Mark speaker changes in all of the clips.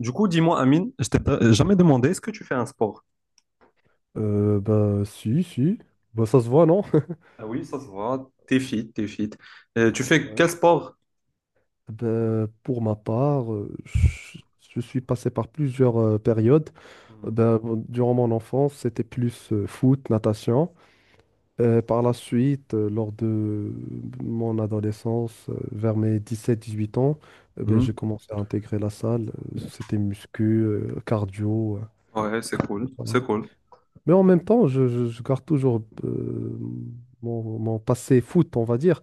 Speaker 1: Du coup, dis-moi, Amine, je t'ai jamais demandé, est-ce que tu fais un sport?
Speaker 2: Bah, si, si. Bah, ça se voit, non?
Speaker 1: Ah oui, ça se voit, t'es fit, t'es fit. Tu fais
Speaker 2: Ouais.
Speaker 1: quel sport?
Speaker 2: Ben, pour ma part, je suis passé par plusieurs périodes.
Speaker 1: Mhm.
Speaker 2: Ben, bon, durant mon enfance, c'était plus foot, natation. Par la suite, lors de mon adolescence, vers mes 17, 18 ans, ben, j'ai
Speaker 1: Mhm.
Speaker 2: commencé à intégrer la salle. C'était muscu, cardio.
Speaker 1: Ouais, c'est cool,
Speaker 2: Voilà.
Speaker 1: c'est cool.
Speaker 2: Mais en même temps, je garde toujours mon passé foot, on va dire.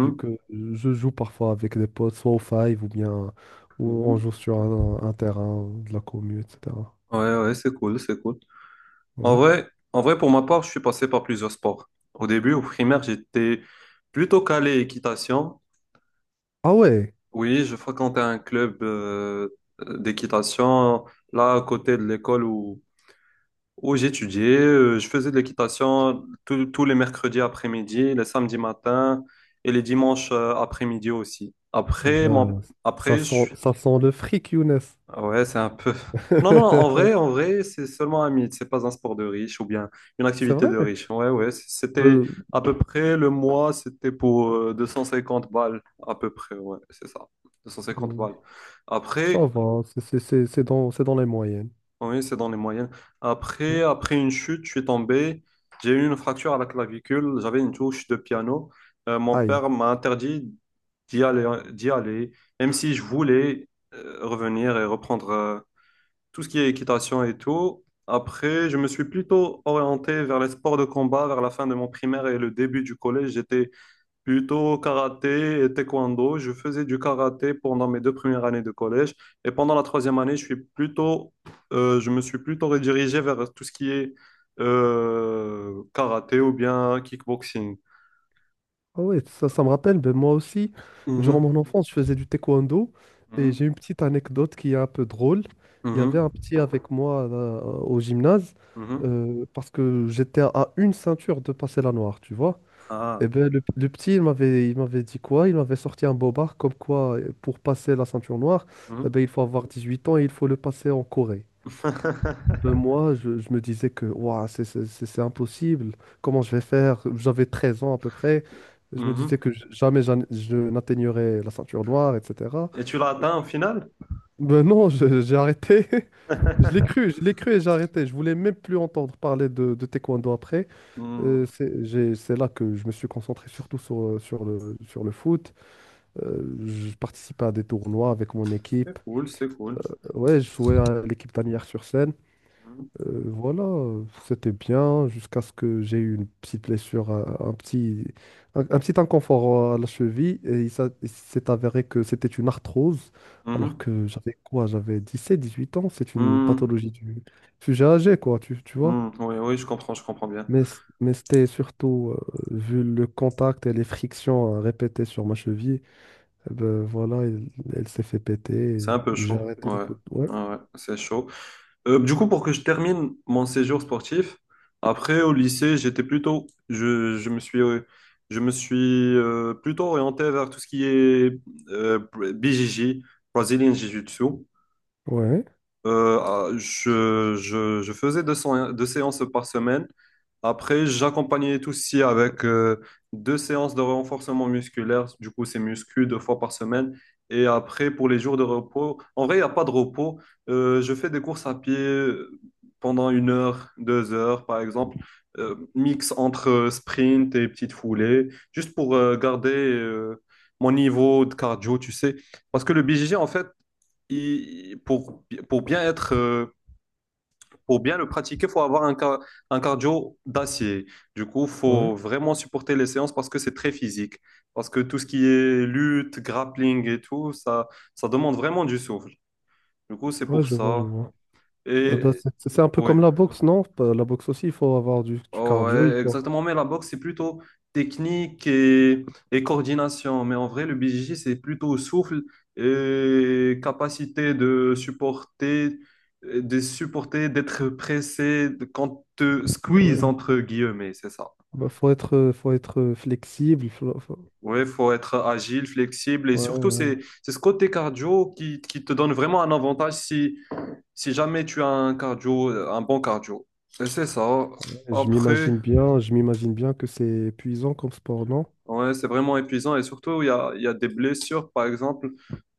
Speaker 2: Vu que je joue parfois avec des potes, soit au Five ou bien ou on
Speaker 1: Mhm.
Speaker 2: joue sur un terrain de la commu, etc.
Speaker 1: Ouais, ouais, c'est cool, c'est cool. En
Speaker 2: Ouais.
Speaker 1: vrai, en vrai, pour ma part, je suis passé par plusieurs sports. Au début, au primaire, j'étais plutôt calé équitation.
Speaker 2: Ah ouais.
Speaker 1: Oui, je fréquentais un club d'équitation là à côté de l'école où j'étudiais, je faisais de l'équitation tous les mercredis après-midi, les samedis matins et les dimanches après-midi aussi.
Speaker 2: Ah
Speaker 1: Après,
Speaker 2: ben, ça sent, ça sent le fric, Younes.
Speaker 1: ouais, c'est un peu. Non, non, en vrai, c'est seulement un mythe. C'est pas un sport de riche ou bien une
Speaker 2: C'est
Speaker 1: activité
Speaker 2: vrai?
Speaker 1: de riche. Ouais, ouais, c'était
Speaker 2: Ben,
Speaker 1: à peu près le mois, c'était pour 250 balles à peu près. Ouais, c'est ça, 250
Speaker 2: euh,
Speaker 1: balles.
Speaker 2: ça
Speaker 1: Après.
Speaker 2: va, c'est dans les moyennes.
Speaker 1: Oui, c'est dans les moyennes. Après,
Speaker 2: Ouais.
Speaker 1: après une chute, je suis tombé. J'ai eu une fracture à la clavicule. J'avais une touche de piano. Mon
Speaker 2: Aïe.
Speaker 1: père m'a interdit d'y aller, même si je voulais revenir et reprendre tout ce qui est équitation et tout. Après, je me suis plutôt orienté vers les sports de combat vers la fin de mon primaire et le début du collège. J'étais plutôt karaté et taekwondo. Je faisais du karaté pendant mes deux premières années de collège. Et pendant la troisième année, je me suis plutôt redirigé vers tout ce qui est karaté ou bien kickboxing.
Speaker 2: Ah ouais, ça me rappelle, ben moi aussi, durant
Speaker 1: Mhm,
Speaker 2: mon enfance, je faisais du taekwondo et
Speaker 1: mhm,
Speaker 2: j'ai une petite anecdote qui est un peu drôle. Il y avait
Speaker 1: mhm,
Speaker 2: un petit avec moi au gymnase
Speaker 1: mhm.
Speaker 2: parce que j'étais à une ceinture de passer la noire, tu vois. Et
Speaker 1: Ah,
Speaker 2: ben le petit, il m'avait dit quoi? Il m'avait sorti un bobard comme quoi pour passer la ceinture noire, eh ben,
Speaker 1: mhm.
Speaker 2: il faut avoir 18 ans et il faut le passer en Corée. Ben moi, je me disais que ouah, c'est impossible, comment je vais faire? J'avais 13 ans à peu près, je me disais
Speaker 1: Mhm.
Speaker 2: que jamais je n'atteignerais la ceinture noire, etc.
Speaker 1: Et tu l'as atteint au final?
Speaker 2: Ben non, j'ai arrêté, je l'ai cru et j'ai arrêté. Je voulais même plus entendre parler de taekwondo après.
Speaker 1: Hmm.
Speaker 2: C'est là que je me suis concentré surtout sur le foot. Je participais à des tournois avec mon équipe.
Speaker 1: C'est cool, c'est cool.
Speaker 2: Ouais, je jouais à l'équipe d'Anières-sur-Seine.
Speaker 1: Mhm,
Speaker 2: Voilà, c'était bien jusqu'à ce que j'ai eu une petite blessure, un petit inconfort à la cheville et il s'est avéré que c'était une arthrose alors
Speaker 1: mhm,
Speaker 2: que j'avais quoi? J'avais 17, 18 ans, c'est une
Speaker 1: hmm,
Speaker 2: pathologie du sujet âgé quoi, tu vois.
Speaker 1: hmm. Oui, oui, je comprends bien.
Speaker 2: Mais, mais c'était surtout, vu le contact et les frictions répétées sur ma cheville, eh ben voilà, elle s'est fait péter
Speaker 1: C'est
Speaker 2: et
Speaker 1: un peu
Speaker 2: j'ai
Speaker 1: chaud.
Speaker 2: arrêté le
Speaker 1: Ouais,
Speaker 2: foot. Ouais,
Speaker 1: ouais, ouais, c'est chaud. Du coup, pour que je termine mon séjour sportif, après au lycée, j'étais plutôt, je me suis plutôt orienté vers tout ce qui est euh, BJJ, Brazilian Jiu-Jitsu.
Speaker 2: ouais,
Speaker 1: Je faisais deux séances par semaine. Après, j'accompagnais tout aussi avec deux séances de renforcement musculaire. Du coup, c'est muscu deux fois par semaine. Et après, pour les jours de repos, en vrai, il n'y a pas de repos. Je fais des courses à pied pendant 1 heure, 2 heures, par exemple. Mix entre sprint et petites foulées, juste pour garder mon niveau de cardio, tu sais. Parce que le BJJ, en fait, pour bien être, pour bien le pratiquer, faut avoir un cardio d'acier. Du coup,
Speaker 2: ouais,
Speaker 1: faut vraiment supporter les séances parce que c'est très physique. Parce que tout ce qui est lutte, grappling et tout, ça demande vraiment du souffle. Du coup, c'est
Speaker 2: ouais,
Speaker 1: pour
Speaker 2: je vois, je
Speaker 1: ça.
Speaker 2: vois. Ah bah,
Speaker 1: Et
Speaker 2: c'est un peu
Speaker 1: ouais.
Speaker 2: comme la boxe, non? Bah, la boxe aussi, il faut avoir du cardio, il
Speaker 1: Ouais,
Speaker 2: faut,
Speaker 1: exactement, mais la boxe, c'est plutôt technique et coordination. Mais en vrai, le BJJ, c'est plutôt souffle et capacité de supporter, d'être pressé quand te squeeze,
Speaker 2: ouais.
Speaker 1: entre guillemets, c'est ça.
Speaker 2: Bah, faut être flexible.
Speaker 1: Ouais, faut être agile, flexible et
Speaker 2: Ouais,
Speaker 1: surtout, c'est,
Speaker 2: ouais,
Speaker 1: c'est ce côté cardio qui te donne vraiment un avantage si jamais tu as un cardio, un bon cardio. Et c'est ça.
Speaker 2: ouais. Je
Speaker 1: Après.
Speaker 2: m'imagine bien que c'est épuisant comme sport, non?
Speaker 1: Ouais, c'est vraiment épuisant et surtout, il y a des blessures, par exemple,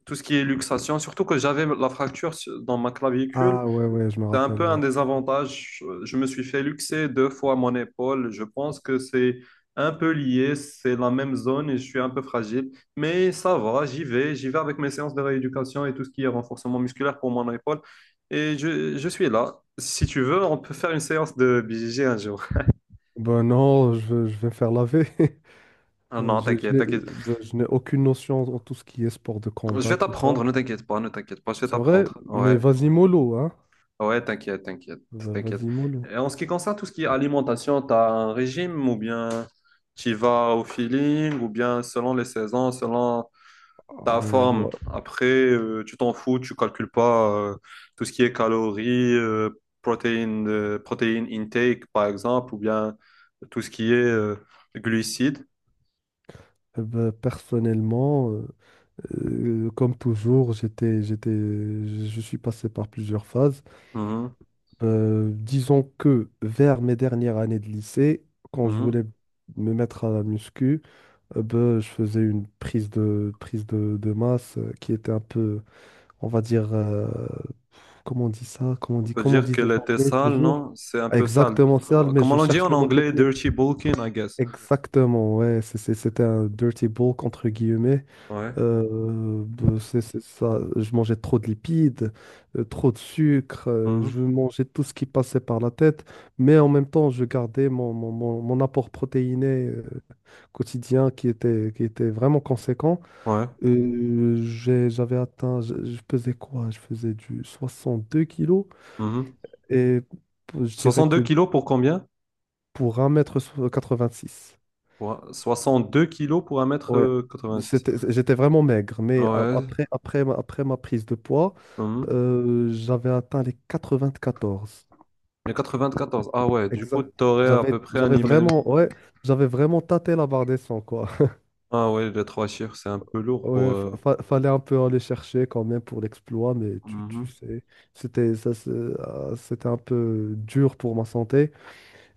Speaker 1: tout ce qui est luxation, surtout que j'avais la fracture dans ma clavicule,
Speaker 2: Ah ouais, ouais, je me
Speaker 1: c'est un
Speaker 2: rappelle,
Speaker 1: peu un
Speaker 2: ouais.
Speaker 1: désavantage. Je me suis fait luxer deux fois mon épaule. Je pense que c'est un peu lié, c'est la même zone et je suis un peu fragile. Mais ça va, j'y vais avec mes séances de rééducation et tout ce qui est renforcement musculaire pour mon épaule. Et je suis là. Si tu veux, on peut faire une séance de BJJ un jour.
Speaker 2: Ben non, je vais me faire laver.
Speaker 1: Ah non,
Speaker 2: Je, je
Speaker 1: t'inquiète,
Speaker 2: n'ai
Speaker 1: t'inquiète.
Speaker 2: euh, ben, je n'ai aucune notion en tout ce qui est sport de
Speaker 1: Je
Speaker 2: combat,
Speaker 1: vais
Speaker 2: tout ça.
Speaker 1: t'apprendre, ne t'inquiète pas, ne t'inquiète pas, je vais
Speaker 2: C'est vrai,
Speaker 1: t'apprendre.
Speaker 2: mais
Speaker 1: Ouais,
Speaker 2: vas-y mollo, hein?
Speaker 1: ouais, t'inquiète, t'inquiète, t'inquiète.
Speaker 2: Vas-y mollo.
Speaker 1: Et en ce qui concerne tout ce qui est alimentation, tu as un régime ou bien tu y vas au feeling ou bien selon les saisons, selon
Speaker 2: Ah
Speaker 1: ta
Speaker 2: ouais,
Speaker 1: forme.
Speaker 2: moi,
Speaker 1: Après, tu t'en fous, tu calcules pas tout ce qui est calories, protéines intake par exemple, ou bien tout ce qui est glucides.
Speaker 2: ben, personnellement. Comme toujours, je suis passé par plusieurs phases.
Speaker 1: Mhm,
Speaker 2: Disons que vers mes dernières années de lycée, quand je
Speaker 1: mhm.
Speaker 2: voulais me mettre à la muscu, ben, je faisais une prise de masse qui était un peu, on va dire, comment on dit ça? Comment on
Speaker 1: On
Speaker 2: dit,
Speaker 1: peut
Speaker 2: comment on
Speaker 1: dire
Speaker 2: dit
Speaker 1: qu'elle
Speaker 2: les
Speaker 1: était
Speaker 2: Anglais
Speaker 1: sale,
Speaker 2: toujours?
Speaker 1: non? C'est un peu sale.
Speaker 2: Exactement ça, mais
Speaker 1: Comment
Speaker 2: je
Speaker 1: on dit
Speaker 2: cherche
Speaker 1: en
Speaker 2: le mot
Speaker 1: anglais?
Speaker 2: technique.
Speaker 1: Dirty bulking, I guess.
Speaker 2: Exactement, ouais, c'était un dirty bulk entre guillemets.
Speaker 1: Ouais.
Speaker 2: C'est ça, je mangeais trop de lipides, trop de sucre,
Speaker 1: Mhm.
Speaker 2: je mangeais tout ce qui passait par la tête, mais en même temps, je gardais mon apport protéiné quotidien qui était vraiment conséquent.
Speaker 1: Ouais.
Speaker 2: J'avais atteint, je pesais quoi? Je faisais du 62 kilos
Speaker 1: Mhm.
Speaker 2: et je dirais
Speaker 1: 62 kilos pour combien?
Speaker 2: pour 1,86 m.
Speaker 1: Pour 62 kilos pour
Speaker 2: Ouais,
Speaker 1: 1 m 86.
Speaker 2: c'était, j'étais vraiment maigre, mais
Speaker 1: Ouais.
Speaker 2: après ma prise de poids,
Speaker 1: Mhm.
Speaker 2: J'avais atteint les 94.
Speaker 1: Il y a 94. Ah ouais,
Speaker 2: Ah,
Speaker 1: du coup,
Speaker 2: exact. Ouais,
Speaker 1: t'aurais à
Speaker 2: J'avais,
Speaker 1: peu
Speaker 2: ouais.
Speaker 1: près un
Speaker 2: j'avais
Speaker 1: email.
Speaker 2: vraiment, ouais, j'avais vraiment tâté la barre des 100 quoi.
Speaker 1: Ah ouais, les trois chiffres, c'est un peu lourd pour...
Speaker 2: Ouais,
Speaker 1: euh,
Speaker 2: fallait un peu aller chercher quand même pour l'exploit, mais tu
Speaker 1: Mhm.
Speaker 2: sais, c'était ça, ah, c'était un peu dur pour ma santé.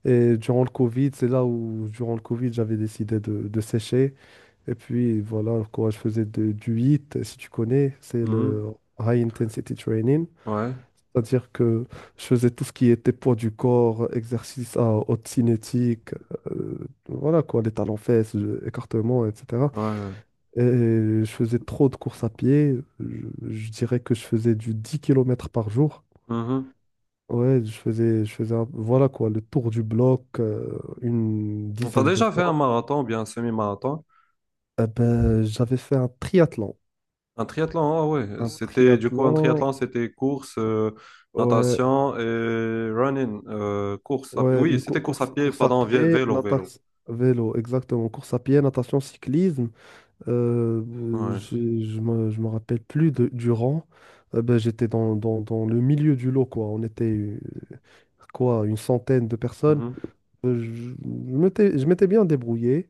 Speaker 2: Et durant le Covid, c'est là où, durant le Covid, j'avais décidé de sécher. Et puis, voilà, quoi, je faisais du HIIT, si tu connais, c'est
Speaker 1: Mhm.
Speaker 2: le High Intensity Training.
Speaker 1: Ouais.
Speaker 2: C'est-à-dire que je faisais tout ce qui était poids du corps, exercice à haute cinétique, euh, voilà quoi, les talons fesses, écartement, etc.
Speaker 1: Ouais. Ouais.
Speaker 2: Et je faisais trop de courses à pied. Je dirais que je faisais du 10 kilomètres par jour. Ouais, je faisais voilà quoi, le tour du bloc une
Speaker 1: Mhm. T'as
Speaker 2: dizaine de
Speaker 1: déjà fait un
Speaker 2: fois.
Speaker 1: marathon ou bien un semi-marathon?
Speaker 2: Eh ben, j'avais fait un triathlon.
Speaker 1: Un triathlon, ah ouais.
Speaker 2: Un
Speaker 1: C'était, du coup, un triathlon,
Speaker 2: triathlon,
Speaker 1: c'était course,
Speaker 2: ouais,
Speaker 1: natation et running.
Speaker 2: ouais,
Speaker 1: Oui,
Speaker 2: une cou-
Speaker 1: c'était course à
Speaker 2: course,
Speaker 1: pied,
Speaker 2: course à
Speaker 1: pardon,
Speaker 2: pied,
Speaker 1: vélo, vélo.
Speaker 2: natation, vélo, exactement. Course à pied, natation, cyclisme. Euh, euh,
Speaker 1: Ouais.
Speaker 2: j'ai- je me, je me rappelle plus du rang. Ben, j'étais dans le milieu du lot, quoi. On était quoi, une centaine de personnes.
Speaker 1: Mhm.
Speaker 2: Euh, je je m'étais bien débrouillé.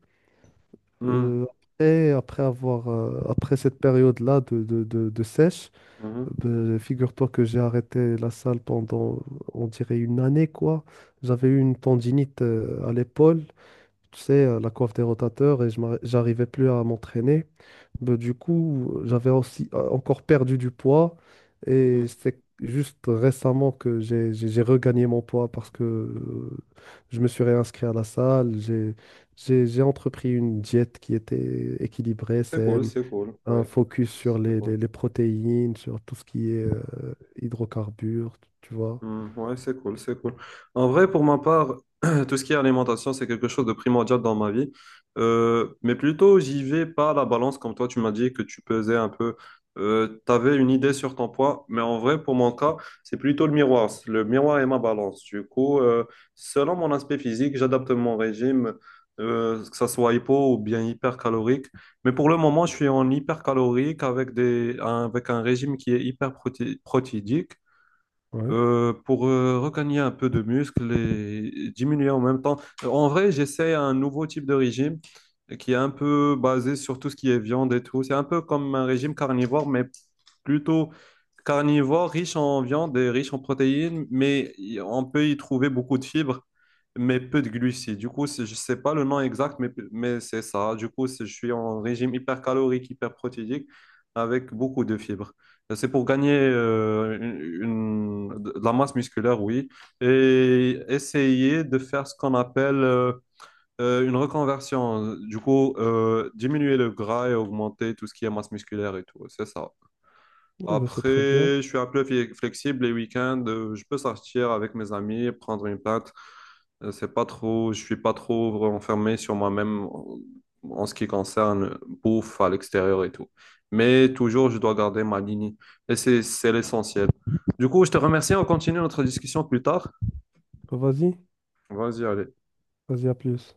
Speaker 1: Mhm.
Speaker 2: Euh, après cette période-là de sèche,
Speaker 1: Mhm.
Speaker 2: ben, figure-toi que j'ai arrêté la salle pendant, on dirait, une année, quoi. J'avais eu une tendinite à l'épaule, tu sais, la coiffe des rotateurs, et j'arrivais plus à m'entraîner. Ben, du coup, j'avais aussi encore perdu du poids, et
Speaker 1: Mhm.
Speaker 2: c'est juste récemment que j'ai regagné mon poids parce que je me suis réinscrit à la salle, j'ai entrepris une diète qui était équilibrée,
Speaker 1: C'est cool,
Speaker 2: saine
Speaker 1: c'est cool.
Speaker 2: un
Speaker 1: Ouais.
Speaker 2: focus sur
Speaker 1: C'est
Speaker 2: les, les-
Speaker 1: cool.
Speaker 2: les protéines, sur tout ce qui est hydrocarbures, tu vois.
Speaker 1: Hmm, ouais, c'est cool, c'est cool. En vrai, pour ma part, tout ce qui est alimentation, c'est quelque chose de primordial dans ma vie. Mais plutôt, j'y vais pas à la balance, comme toi, tu m'as dit que tu pesais un peu. Tu avais une idée sur ton poids, mais en vrai, pour mon cas, c'est plutôt le miroir. Le miroir et ma balance. Du coup, selon mon aspect physique, j'adapte mon régime, que ça soit hypo ou bien hypercalorique. Mais pour le moment, je suis en hypercalorique avec un régime qui est hyper protéidique
Speaker 2: Ouais.
Speaker 1: pour regagner un peu de muscle et diminuer en même temps. En vrai, j'essaie un nouveau type de régime qui est un peu basé sur tout ce qui est viande et tout. C'est un peu comme un régime carnivore, mais plutôt carnivore, riche en viande et riche en protéines, mais on peut y trouver beaucoup de fibres, mais peu de glucides. Du coup, je ne sais pas le nom exact, mais c'est ça. Du coup, je suis en régime hypercalorique, hyperprotéique, avec beaucoup de fibres. C'est pour gagner de la masse musculaire, oui, et essayer de faire ce qu'on appelle une reconversion. Du coup, diminuer le gras et augmenter tout ce qui est masse musculaire et tout. C'est ça.
Speaker 2: Oh, bah, c'est
Speaker 1: Après,
Speaker 2: très bien.
Speaker 1: je suis un peu flexible les week-ends. Je peux sortir avec mes amis, prendre une pinte. C'est pas trop, je suis pas trop enfermé sur moi-même en ce qui concerne bouffe à l'extérieur et tout. Mais toujours, je dois garder ma ligne. Et c'est l'essentiel. Du coup, je te remercie. On continue notre discussion plus tard.
Speaker 2: Vas-y,
Speaker 1: Vas-y, allez.
Speaker 2: vas-y, à plus.